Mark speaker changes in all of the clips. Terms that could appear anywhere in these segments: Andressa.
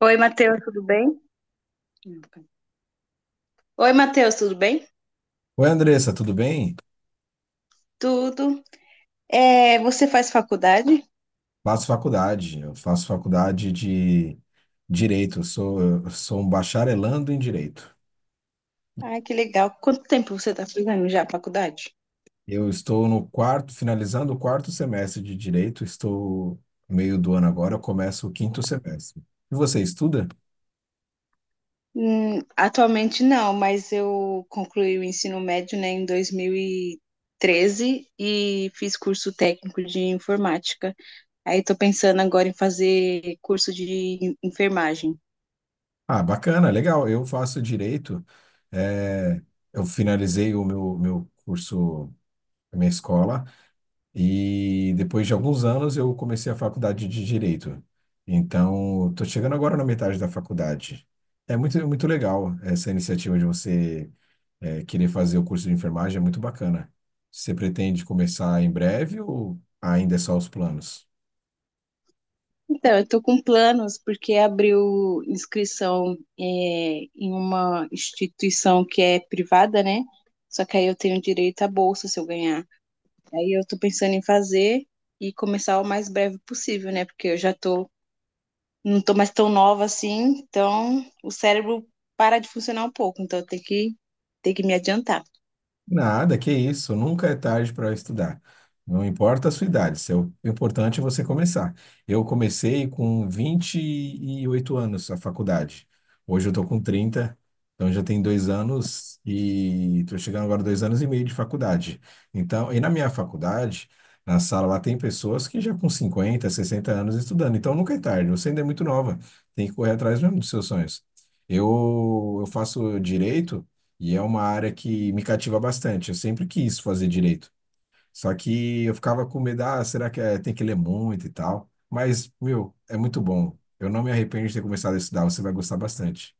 Speaker 1: Oi, Matheus, tudo bem? Oi, Matheus, tudo bem?
Speaker 2: Oi, Andressa, tudo bem?
Speaker 1: Tudo. É, você faz faculdade?
Speaker 2: Eu faço faculdade de Direito, eu sou um bacharelando em Direito.
Speaker 1: Ai, que legal. Quanto tempo você está fazendo já a faculdade?
Speaker 2: Eu estou no quarto, finalizando o quarto semestre de Direito, estou no meio do ano agora, eu começo o quinto semestre. E você estuda?
Speaker 1: Atualmente não, mas eu concluí o ensino médio, né, em 2013 e fiz curso técnico de informática. Aí estou pensando agora em fazer curso de enfermagem.
Speaker 2: Ah, bacana, legal, eu faço Direito, eh, eu finalizei o meu curso, a minha escola, e depois de alguns anos eu comecei a faculdade de Direito. Então, estou chegando agora na metade da faculdade. É muito, muito legal essa iniciativa de você querer fazer o curso de enfermagem, é muito bacana. Você pretende começar em breve ou ainda é só os planos?
Speaker 1: Então, eu tô com planos porque abriu inscrição em uma instituição que é privada, né? Só que aí eu tenho direito à bolsa se eu ganhar. Aí eu tô pensando em fazer e começar o mais breve possível, né? Porque eu já tô, não tô mais tão nova assim, então o cérebro para de funcionar um pouco, então eu tenho que me adiantar.
Speaker 2: Nada, que isso, nunca é tarde para estudar. Não importa a sua idade, o importante é você começar. Eu comecei com 28 anos a faculdade. Hoje eu estou com 30, então já tem 2 anos e estou chegando agora a 2 anos e meio de faculdade. Então, e na minha faculdade, na sala lá tem pessoas que já com 50, 60 anos estudando. Então nunca é tarde, você ainda é muito nova, tem que correr atrás mesmo dos seus sonhos. Eu faço direito. E é uma área que me cativa bastante. Eu sempre quis fazer direito. Só que eu ficava com medo, ah, será que tem que ler muito e tal? Mas, meu, é muito bom. Eu não me arrependo de ter começado a estudar, você vai gostar bastante.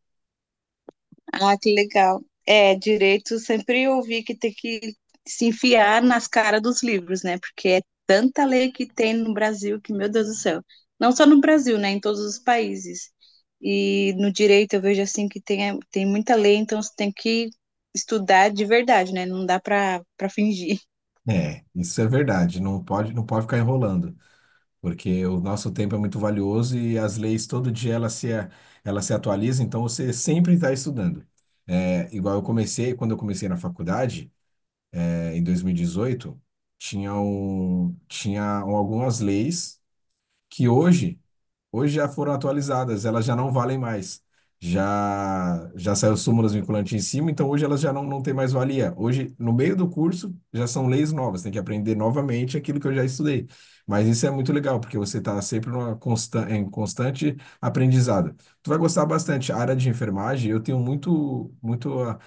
Speaker 1: Ah, que legal. É, direito, sempre ouvi que tem que se enfiar nas caras dos livros, né? Porque é tanta lei que tem no Brasil que, meu Deus do céu. Não só no Brasil, né? Em todos os países. E no direito eu vejo assim tem muita lei, então você tem que estudar de verdade, né? Não dá para fingir.
Speaker 2: É, isso é verdade. Não pode, não pode ficar enrolando, porque o nosso tempo é muito valioso e as leis todo dia elas se atualizam, então você sempre está estudando. É, igual eu comecei, quando eu comecei na faculdade, em 2018, tinha algumas leis que hoje, hoje já foram atualizadas, elas já não valem mais. Já saiu súmulas vinculantes em cima, então hoje elas já não têm mais valia. Hoje, no meio do curso, já são leis novas, tem que aprender novamente aquilo que eu já estudei. Mas isso é muito legal, porque você está sempre em constante aprendizado. Tu vai gostar bastante. A área de enfermagem, eu tenho muito, muito ah,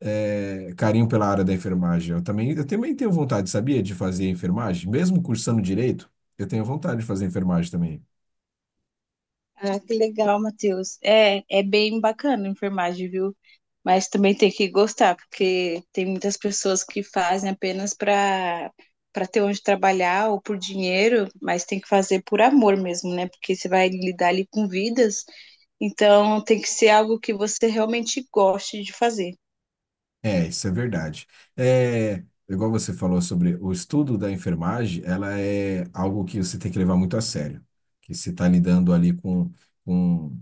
Speaker 2: eh, carinho pela área da enfermagem. Eu também tenho vontade, sabia, de fazer enfermagem, mesmo cursando direito. Eu tenho vontade de fazer enfermagem também.
Speaker 1: Ah, que legal, Matheus. É, é bem bacana a enfermagem, viu? Mas também tem que gostar, porque tem muitas pessoas que fazem apenas para ter onde trabalhar ou por dinheiro, mas tem que fazer por amor mesmo, né? Porque você vai lidar ali com vidas, então tem que ser algo que você realmente goste de fazer.
Speaker 2: É, isso é verdade. É, igual você falou sobre o estudo da enfermagem, ela é algo que você tem que levar muito a sério, que você está lidando ali com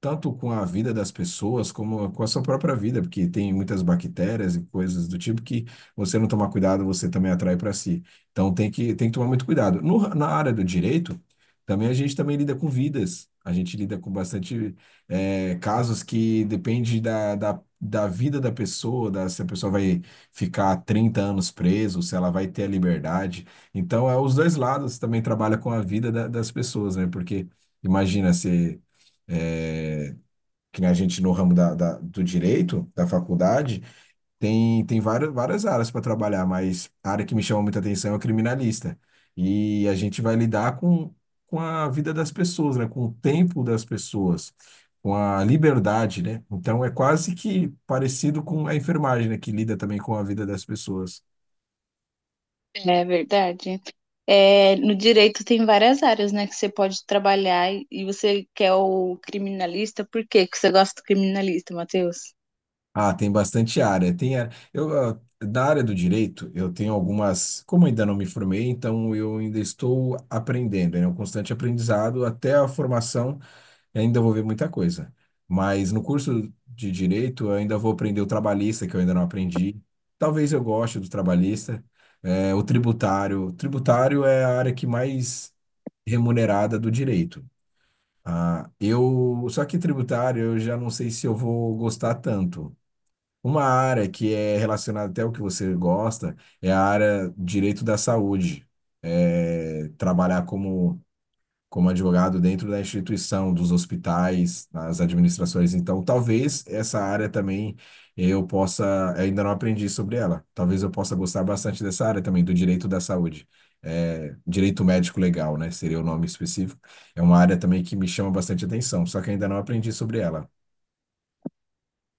Speaker 2: tanto com a vida das pessoas como com a sua própria vida, porque tem muitas bactérias e coisas do tipo que você não tomar cuidado, você também atrai para si. Então tem que tomar muito cuidado. Na área do direito, também a gente também lida com vidas. A gente lida com bastante casos que depende da vida da pessoa, se a pessoa vai ficar 30 anos preso, se ela vai ter a liberdade. Então, é os dois lados também trabalha com a vida das pessoas, né? Porque imagina se eh, que nem a gente no ramo do direito, da faculdade, tem várias, várias áreas para trabalhar, mas a área que me chama muita atenção é o criminalista. E a gente vai lidar com a vida das pessoas, né? Com o tempo das pessoas, com a liberdade, né? Então é quase que parecido com a enfermagem, né? Que lida também com a vida das pessoas.
Speaker 1: Né? É verdade. É, no direito tem várias áreas, né, que você pode trabalhar e você quer o criminalista, por quê que você gosta do criminalista, Matheus?
Speaker 2: Ah, tem bastante área. Tem área. Eu, ah, da área do direito, eu tenho algumas. Como ainda não me formei, então eu ainda estou aprendendo, né? É um constante aprendizado até a formação, eu ainda vou ver muita coisa. Mas no curso de direito, eu ainda vou aprender o trabalhista, que eu ainda não aprendi. Talvez eu goste do trabalhista. É, o tributário. O tributário é a área que mais remunerada do direito. Ah, só que tributário, eu já não sei se eu vou gostar tanto. Uma área que é relacionada até ao que você gosta é a área direito da saúde. É, trabalhar como, como advogado dentro da instituição, dos hospitais, nas administrações. Então, talvez essa área também eu possa, ainda não aprendi sobre ela. Talvez eu possa gostar bastante dessa área também, do direito da saúde. É, direito médico legal, né? Seria o nome específico. É uma área também que me chama bastante atenção, só que ainda não aprendi sobre ela.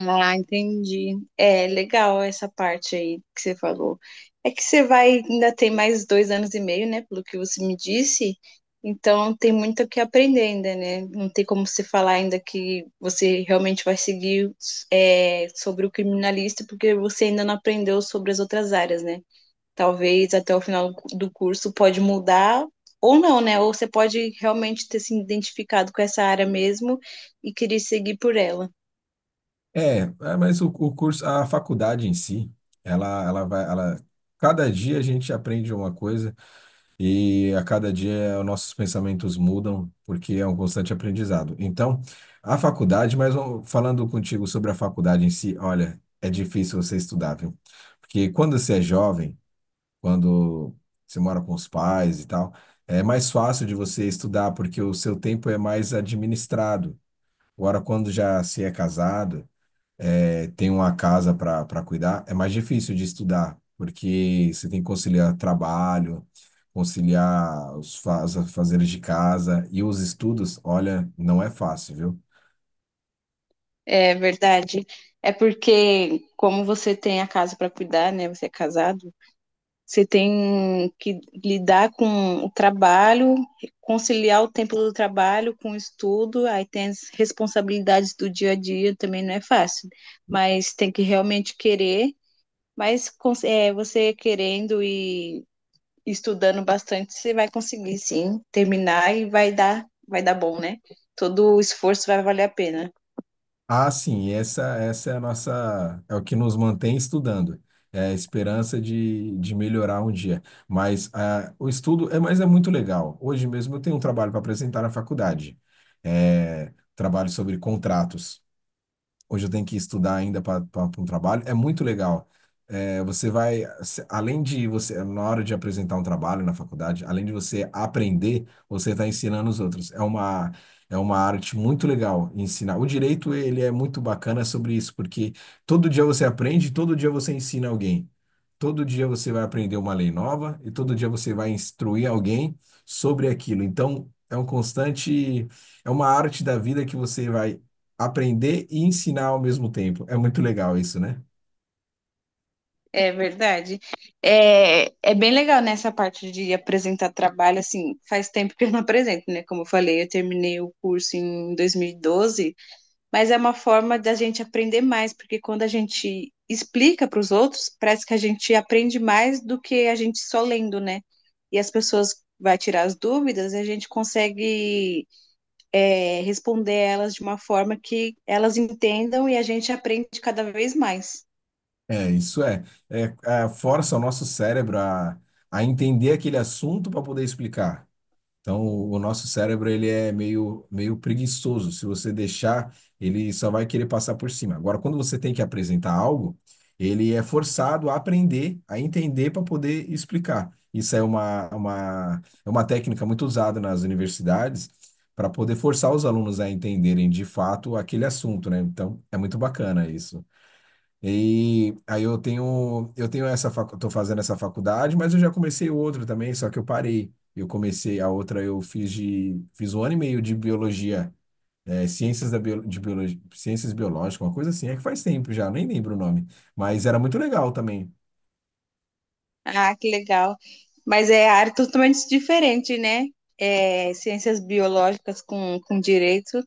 Speaker 1: Ah, entendi. É legal essa parte aí que você falou. É que você vai, ainda tem mais dois anos e meio, né? Pelo que você me disse. Então tem muito o que aprender ainda, né? Não tem como você falar ainda que você realmente vai seguir sobre o criminalista, porque você ainda não aprendeu sobre as outras áreas, né? Talvez até o final do curso pode mudar ou não, né? Ou você pode realmente ter se identificado com essa área mesmo e querer seguir por ela.
Speaker 2: É, é, mas o curso, a faculdade em si, ela cada dia a gente aprende uma coisa e a cada dia os nossos pensamentos mudam, porque é um constante aprendizado. Então, a faculdade, mas ó, falando contigo sobre a faculdade em si, olha, é difícil você estudar, viu? Porque quando você é jovem, quando você mora com os pais e tal, é mais fácil de você estudar, porque o seu tempo é mais administrado. Agora, quando já se é casado, tem uma casa para cuidar, é mais difícil de estudar, porque você tem que conciliar trabalho, conciliar os fazeres de casa e os estudos, olha, não é fácil, viu?
Speaker 1: É verdade. É porque, como você tem a casa para cuidar, né? Você é casado, você tem que lidar com o trabalho, conciliar o tempo do trabalho com o estudo, aí tem as responsabilidades do dia a dia, também não é fácil, mas tem que realmente querer. Mas você querendo e estudando bastante, você vai conseguir sim terminar e vai dar bom, né? Todo o esforço vai valer a pena.
Speaker 2: Ah, sim, essa é a nossa, é o que nos mantém estudando. É a esperança de melhorar um dia. Mas ah, o estudo é, mas é muito legal. Hoje mesmo eu tenho um trabalho para apresentar na faculdade. É, trabalho sobre contratos. Hoje eu tenho que estudar ainda para um trabalho, é muito legal. É, você vai, se- além de você, na hora de apresentar um trabalho na faculdade, além de você aprender, você está ensinando os outros. É uma arte muito legal ensinar. O direito, ele é muito bacana sobre isso, porque todo dia você aprende, todo dia você ensina alguém. Todo dia você vai aprender uma lei nova e todo dia você vai instruir alguém sobre aquilo. Então, é um constante, é uma arte da vida que você vai aprender e ensinar ao mesmo tempo. É muito legal isso, né?
Speaker 1: É verdade. É, é bem legal nessa parte de apresentar trabalho, assim, faz tempo que eu não apresento, né? Como eu falei, eu terminei o curso em 2012, mas é uma forma da gente aprender mais, porque quando a gente explica para os outros, parece que a gente aprende mais do que a gente só lendo, né? E as pessoas vai tirar as dúvidas, e a gente consegue responder elas de uma forma que elas entendam e a gente aprende cada vez mais.
Speaker 2: É, isso é. Força o nosso cérebro a entender aquele assunto para poder explicar. Então, o nosso cérebro ele é meio, meio preguiçoso. Se você deixar, ele só vai querer passar por cima. Agora, quando você tem que apresentar algo, ele é forçado a aprender, a entender para poder explicar. Isso é é uma técnica muito usada nas universidades para poder forçar os alunos a entenderem de fato aquele assunto, né? Então, é muito bacana isso. E aí eu tenho tô fazendo essa faculdade, mas eu já comecei outra também, só que eu parei. Eu comecei a outra, fiz um ano e meio de biologia, é, de biologia, ciências biológicas, uma coisa assim, é que faz tempo já, nem lembro o nome, mas era muito legal também.
Speaker 1: Ah, que legal. Mas é área totalmente diferente, né? É, ciências biológicas com direito.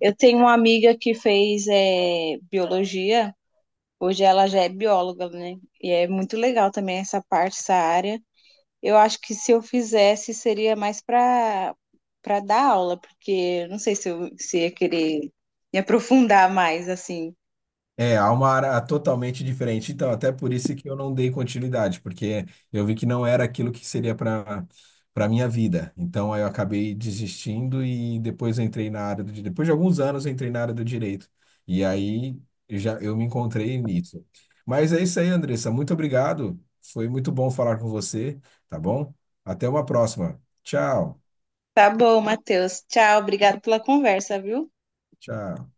Speaker 1: Eu tenho uma amiga que fez biologia, hoje ela já é bióloga, né? E é muito legal também essa parte, essa área. Eu acho que se eu fizesse seria mais para para dar aula, porque eu não sei se eu se ia querer me aprofundar mais assim.
Speaker 2: É, há uma área totalmente diferente. Então, até por isso que eu não dei continuidade, porque eu vi que não era aquilo que seria para minha vida. Então, aí eu acabei desistindo e depois eu entrei na área do direito. Depois de alguns anos, eu entrei na área do direito. E aí eu já eu me encontrei nisso. Mas é isso aí, Andressa. Muito obrigado. Foi muito bom falar com você, tá bom? Até uma próxima. Tchau.
Speaker 1: Tá bom, Matheus. Tchau, obrigado pela conversa, viu?
Speaker 2: Tchau.